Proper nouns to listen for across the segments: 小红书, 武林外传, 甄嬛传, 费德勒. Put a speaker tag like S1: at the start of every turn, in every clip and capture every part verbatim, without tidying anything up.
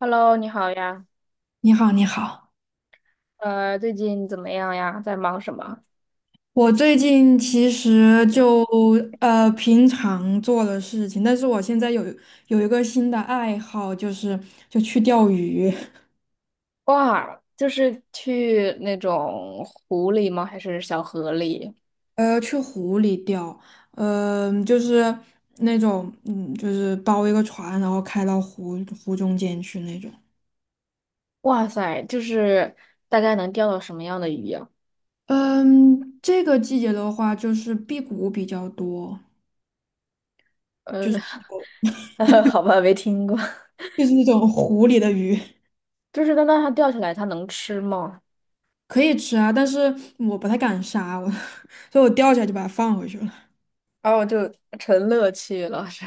S1: Hello，你好呀，
S2: 你好，你好。
S1: 呃，最近怎么样呀？在忙什么？
S2: 我最近其实就呃平常做的事情，但是我现在有有一个新的爱好，就是就去钓鱼，
S1: 哇，就是去那种湖里吗？还是小河里？
S2: 呃，去湖里钓，嗯、就是那种嗯，就是包一个船，然后开到湖湖中间去那种。
S1: 哇塞，就是大概能钓到什么样的鱼呀？
S2: 嗯，这个季节的话，就是辟谷比较多，
S1: 呃，
S2: 就是
S1: 呃好吧，没听过
S2: 就是那种湖里的鱼。
S1: 就是那那它钓起来，它能吃吗？
S2: 可以吃啊，但是我不太敢杀，我 所以我钓起来就把它放回去了。
S1: 哦，就纯乐趣了，是。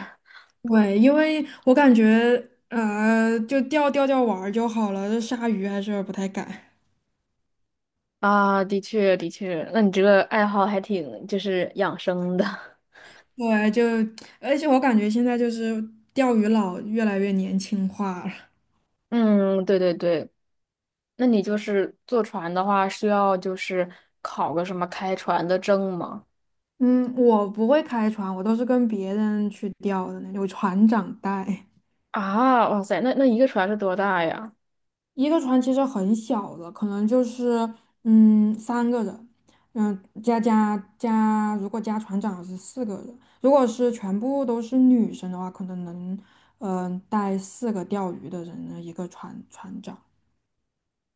S2: 对，因为我感觉呃，就钓钓钓玩儿就好了，这杀鱼还是不太敢。
S1: 啊，的确的确，那你这个爱好还挺就是养生的。
S2: 对，就而且我感觉现在就是钓鱼佬越来越年轻化了。
S1: 嗯，对对对，那你就是坐船的话，需要就是考个什么开船的证吗？
S2: 嗯，我不会开船，我都是跟别人去钓的那种，船长带。
S1: 啊，哇塞，那那一个船是多大呀？
S2: 一个船其实很小的，可能就是嗯三个人，嗯加加加，如果加船长是四个人，如果是全部都是女生的话，可能能嗯、呃带四个钓鱼的人的一个船船长。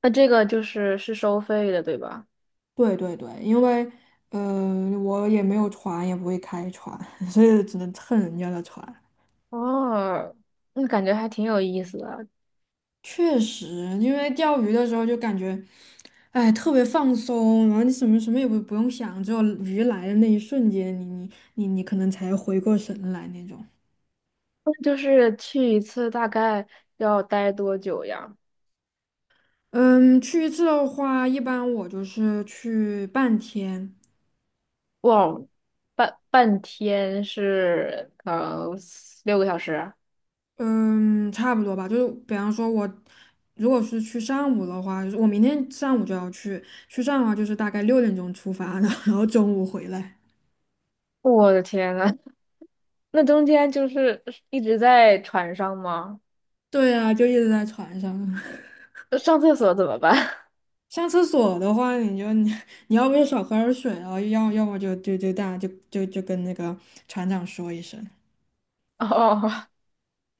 S1: 那这个就是是收费的，对吧？
S2: 对对对，因为呃我也没有船，也不会开船，所以只能蹭人家的船。
S1: 哦，那感觉还挺有意思的。
S2: 确实，因为钓鱼的时候就感觉，哎，特别放松，然后你什么什么也不不用想，只有鱼来的那一瞬间，你你你你可能才回过神来那种。
S1: 那就是去一次大概要待多久呀？
S2: 嗯，去一次的话，一般我就是去半天，
S1: 哇，半半天是呃六个小时。
S2: 嗯，差不多吧。就是比方说我，如果是去上午的话，就是我明天上午就要去，去上午的话就是大概六点钟出发，然后然后中午回来。
S1: 我的天呐，那中间就是一直在船上吗？
S2: 对啊，就一直在船上。
S1: 上厕所怎么办？
S2: 上厕所的话，你就你你要不就少喝点水啊，然后要要么就就就大家就就就跟那个船长说一声。
S1: 哦。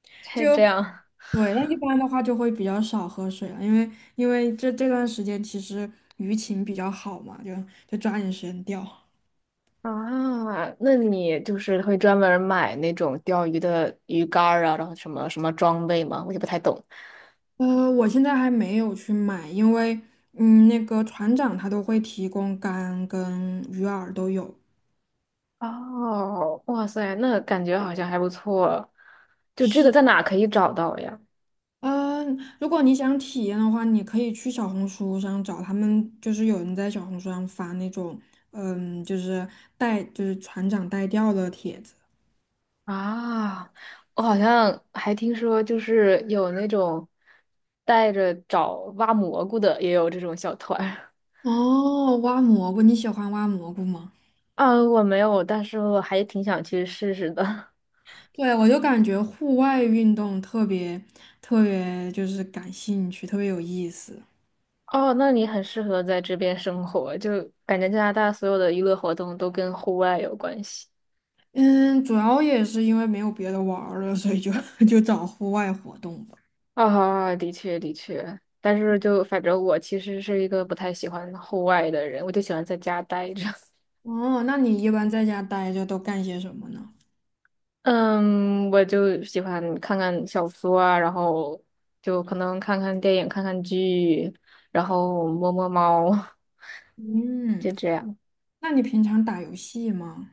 S2: 就
S1: 嘿，这样，
S2: 对，那一般的话就会比较少喝水了，因为因为这这段时间其实鱼情比较好嘛，就就抓紧时间钓。
S1: 啊，那你就是会专门儿买那种钓鱼的鱼竿儿啊，然后什么什么装备吗？我也不太懂。
S2: 呃，我现在还没有去买，因为嗯，那个船长他都会提供竿跟鱼饵都有。
S1: 哦，哇塞，那感觉好像还不错。就这个
S2: 是。
S1: 在哪可以找到呀？
S2: 嗯，如果你想体验的话，你可以去小红书上找他们，就是有人在小红书上发那种，嗯，就是带就是船长带钓的帖子。
S1: 啊，我好像还听说，就是有那种带着找挖蘑菇的，也有这种小团儿
S2: 哦，挖蘑菇，你喜欢挖蘑菇吗？
S1: 啊，我没有，但是我还挺想去试试的。
S2: 对，我就感觉户外运动特别特别就是感兴趣，特别有意思。
S1: 哦，那你很适合在这边生活，就感觉加拿大所有的娱乐活动都跟户外有关系。
S2: 嗯，主要也是因为没有别的玩儿了，所以就 就找户外活动吧。
S1: 啊、的确的确，但是就反正我其实是一个不太喜欢户外的人，我就喜欢在家待着。
S2: 哦，那你一般在家待着都干些什么呢？
S1: 嗯，我就喜欢看看小说啊，然后就可能看看电影、看看剧，然后摸摸猫，
S2: 嗯。
S1: 就这样。
S2: 那你平常打游戏吗？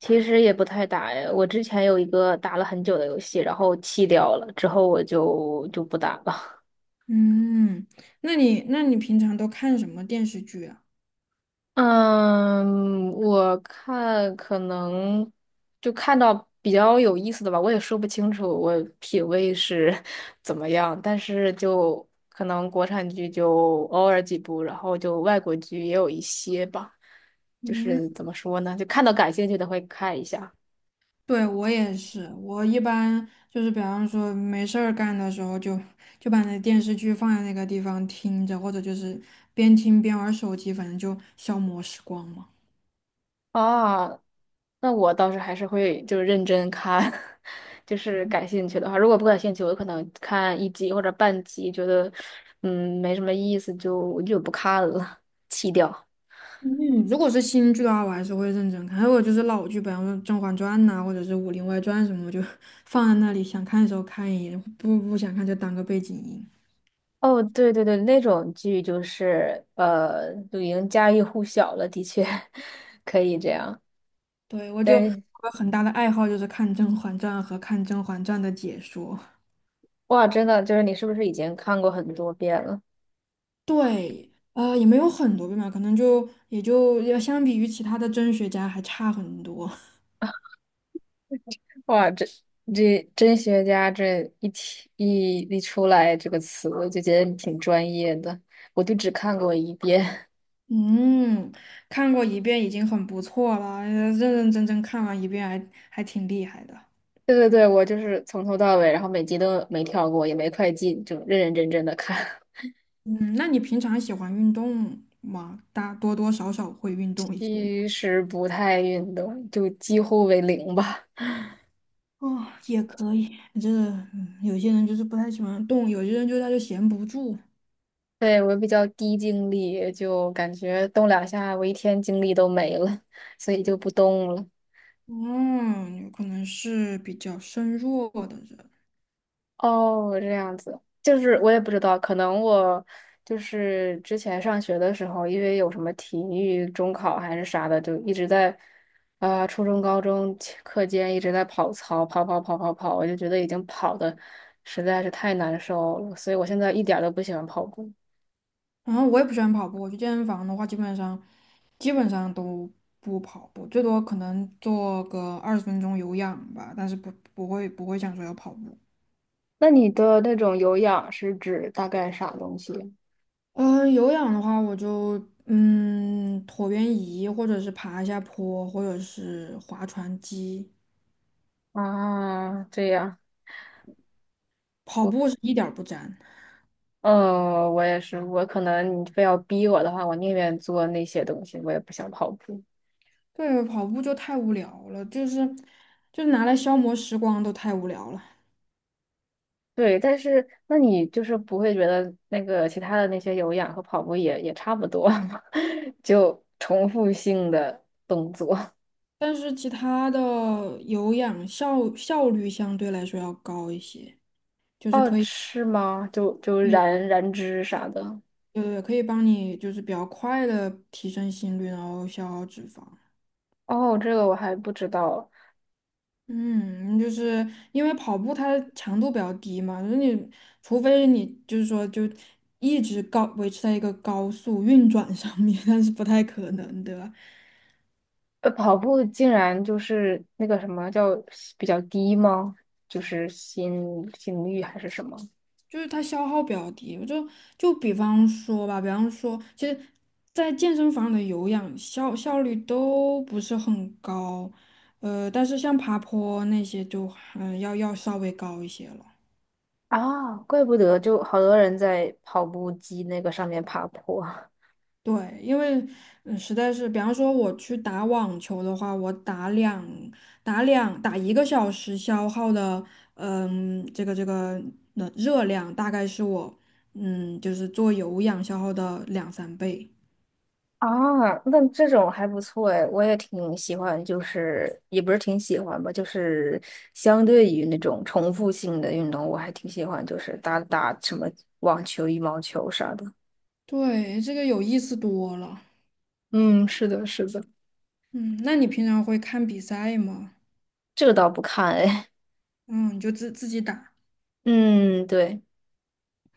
S1: 其实也不太打呀，我之前有一个打了很久的游戏，然后弃掉了，之后我就就不打了。
S2: 嗯，那你那你平常都看什么电视剧啊？
S1: 嗯，我看可能就看到比较有意思的吧，我也说不清楚我品味是 怎么样，但是就可能国产剧就偶尔几部，然后就外国剧也有一些吧，就
S2: 嗯，
S1: 是怎么说呢，就看到感兴趣的会看一下。
S2: 对，我也是，我一般就是比方说没事儿干的时候就，就把那电视剧放在那个地方听着，或者就是边听边玩手机，反正就消磨时光嘛。
S1: 啊，那我倒是还是会就是认真看，就是感兴趣的话，如果不感兴趣，我可能看一集或者半集，觉得嗯没什么意思，就我就不看了，弃掉。
S2: 嗯，如果是新剧的话，我还是会认真看；还有就是老剧，比方说《甄嬛传》呐，或者是《武林外传》什么，我就 放在那里，想看的时候看一眼，不不想看就当个背景音。
S1: 哦，对对对，那种剧就是呃，就已经家喻户晓了，的确 可以这样。
S2: 对，我就我
S1: 但是
S2: 有很大的爱好就是看《甄嬛传》和看《甄嬛传》的解说。
S1: 哇，真的就是你是不是已经看过很多遍了？
S2: 对，呃，也没有很多遍吧，可能就也就要相比于其他的甄学家还差很多。
S1: 哇，这这真学家这一提一一出来这个词，我就觉得你挺专业的。我就只看过一遍，
S2: 嗯，看过一遍已经很不错了，呃认认真真看完一遍还还挺厉害的。
S1: 对对对，我就是从头到尾，然后每集都没跳过，也没快进，就认认真真的看。
S2: 嗯，那你平常喜欢运动吗？大多多少少会运动 一些吗？
S1: 其实不太运动，就几乎为零吧。
S2: 哦，也可以。这嗯有些人就是不太喜欢动，有些人就他就闲不住。
S1: 对，我比较低精力，就感觉动两下，我一天精力都没了，所以就不动了。
S2: 嗯，有可能是比较身弱的人。
S1: 哦，这样子，就是我也不知道，可能我就是之前上学的时候，因为有什么体育中考还是啥的，就一直在啊、初中、高中期课间一直在跑操，跑跑跑跑跑，我就觉得已经跑的实在是太难受了，所以我现在一点儿都不喜欢跑步。
S2: 然后我也不喜欢跑步，我去健身房的话，基本上基本上都不跑步，最多可能做个二十分钟有氧吧，但是不不会不会想说要跑步。
S1: 那你的那种有氧是指大概啥东西？
S2: 嗯、有氧的话，我就嗯椭圆仪，或者是爬一下坡，或者是划船机。
S1: 啊。这样，
S2: 跑
S1: 我
S2: 步是一点儿不沾，
S1: 嗯，我也是，我可能你非要逼我的话，我宁愿做那些东西，我也不想跑步。
S2: 对，跑步就太无聊了，就是就是拿来消磨时光都太无聊了。
S1: 对，但是那你就是不会觉得那个其他的那些有氧和跑步也也差不多吗？就重复性的动作。
S2: 但是其他的有氧效效率相对来说要高一些，就是
S1: 哦，
S2: 可以，
S1: 是吗？就就
S2: 对
S1: 燃燃脂啥的。
S2: 对对，可以帮你就是比较快的提升心率，然后消耗脂肪。
S1: 哦，这个我还不知道。
S2: 嗯，就是因为跑步它强度比较低嘛，就是你除非你就是说就一直高维持在一个高速运转上面，但是不太可能，对吧？
S1: 呃，跑步竟然就是那个什么叫比较低吗？就是心心率还是什么？
S2: 就是它消耗比较低。我就就比方说吧，比方说，其实，在健身房的有氧效效率都不是很高，呃，但是像爬坡那些就嗯要要稍微高一些了。
S1: 啊，怪不得就好多人在跑步机那个上面爬坡。
S2: 对，因为嗯实在是，比方说我去打网球的话，我打两打两打一个小时消耗的，嗯，这个这个呃热量大概是我嗯就是做有氧消耗的两三倍。
S1: 啊，那这种还不错哎，我也挺喜欢，就是也不是挺喜欢吧，就是相对于那种重复性的运动，我还挺喜欢，就是打打什么网球、羽毛球啥的，
S2: 对，这个有意思多了。
S1: 嗯，是的，是的。
S2: 嗯，那你平常会看比赛吗？
S1: 这个倒不看哎。
S2: 嗯，你就自自己打，
S1: 嗯，对，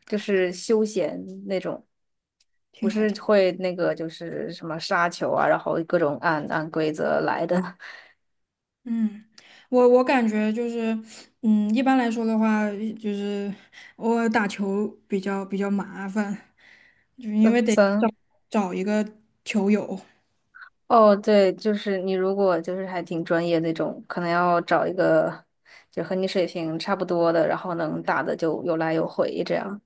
S1: 就是休闲那种，不
S2: 挺好
S1: 是
S2: 听。
S1: 会那个就是什么杀球啊，然后各种按按规则来的，
S2: 嗯，我我感觉就是，嗯，一般来说的话，就是我打球比较比较麻烦，就
S1: 那
S2: 因为得找
S1: 咱。
S2: 找一个球友，
S1: 哦，对，就是你如果就是还挺专业那种，可能要找一个就和你水平差不多的，然后能打的就有来有回这样。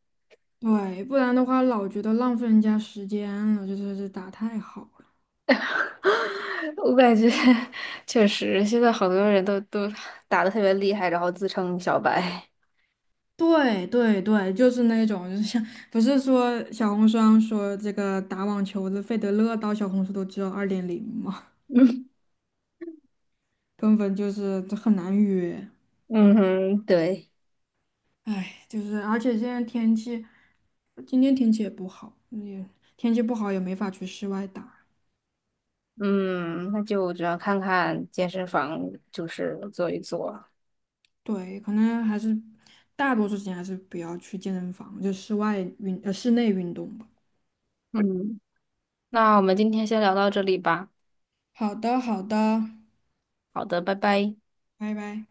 S2: 对，不然的话老觉得浪费人家时间了，就是这打太好。
S1: 我感觉确实，现在好多人都都打的特别厉害，然后自称小白。
S2: 对对对，就是那种，就是像不是说小红书上说这个打网球的费德勒到小红书都只有二点零嘛，
S1: 嗯
S2: 根本就是这很难约。
S1: 嗯哼，对，
S2: 唉，就是而且现在天气，今天天气也不好，也天气不好也没法去室外打。
S1: 嗯，那就只能看看健身房，就是做一做。
S2: 对，可能还是大多数时间还是不要去健身房，就室外运呃室内运动吧。
S1: 嗯，那我们今天先聊到这里吧。
S2: 好的，好的，
S1: 好的，拜拜。
S2: 拜拜。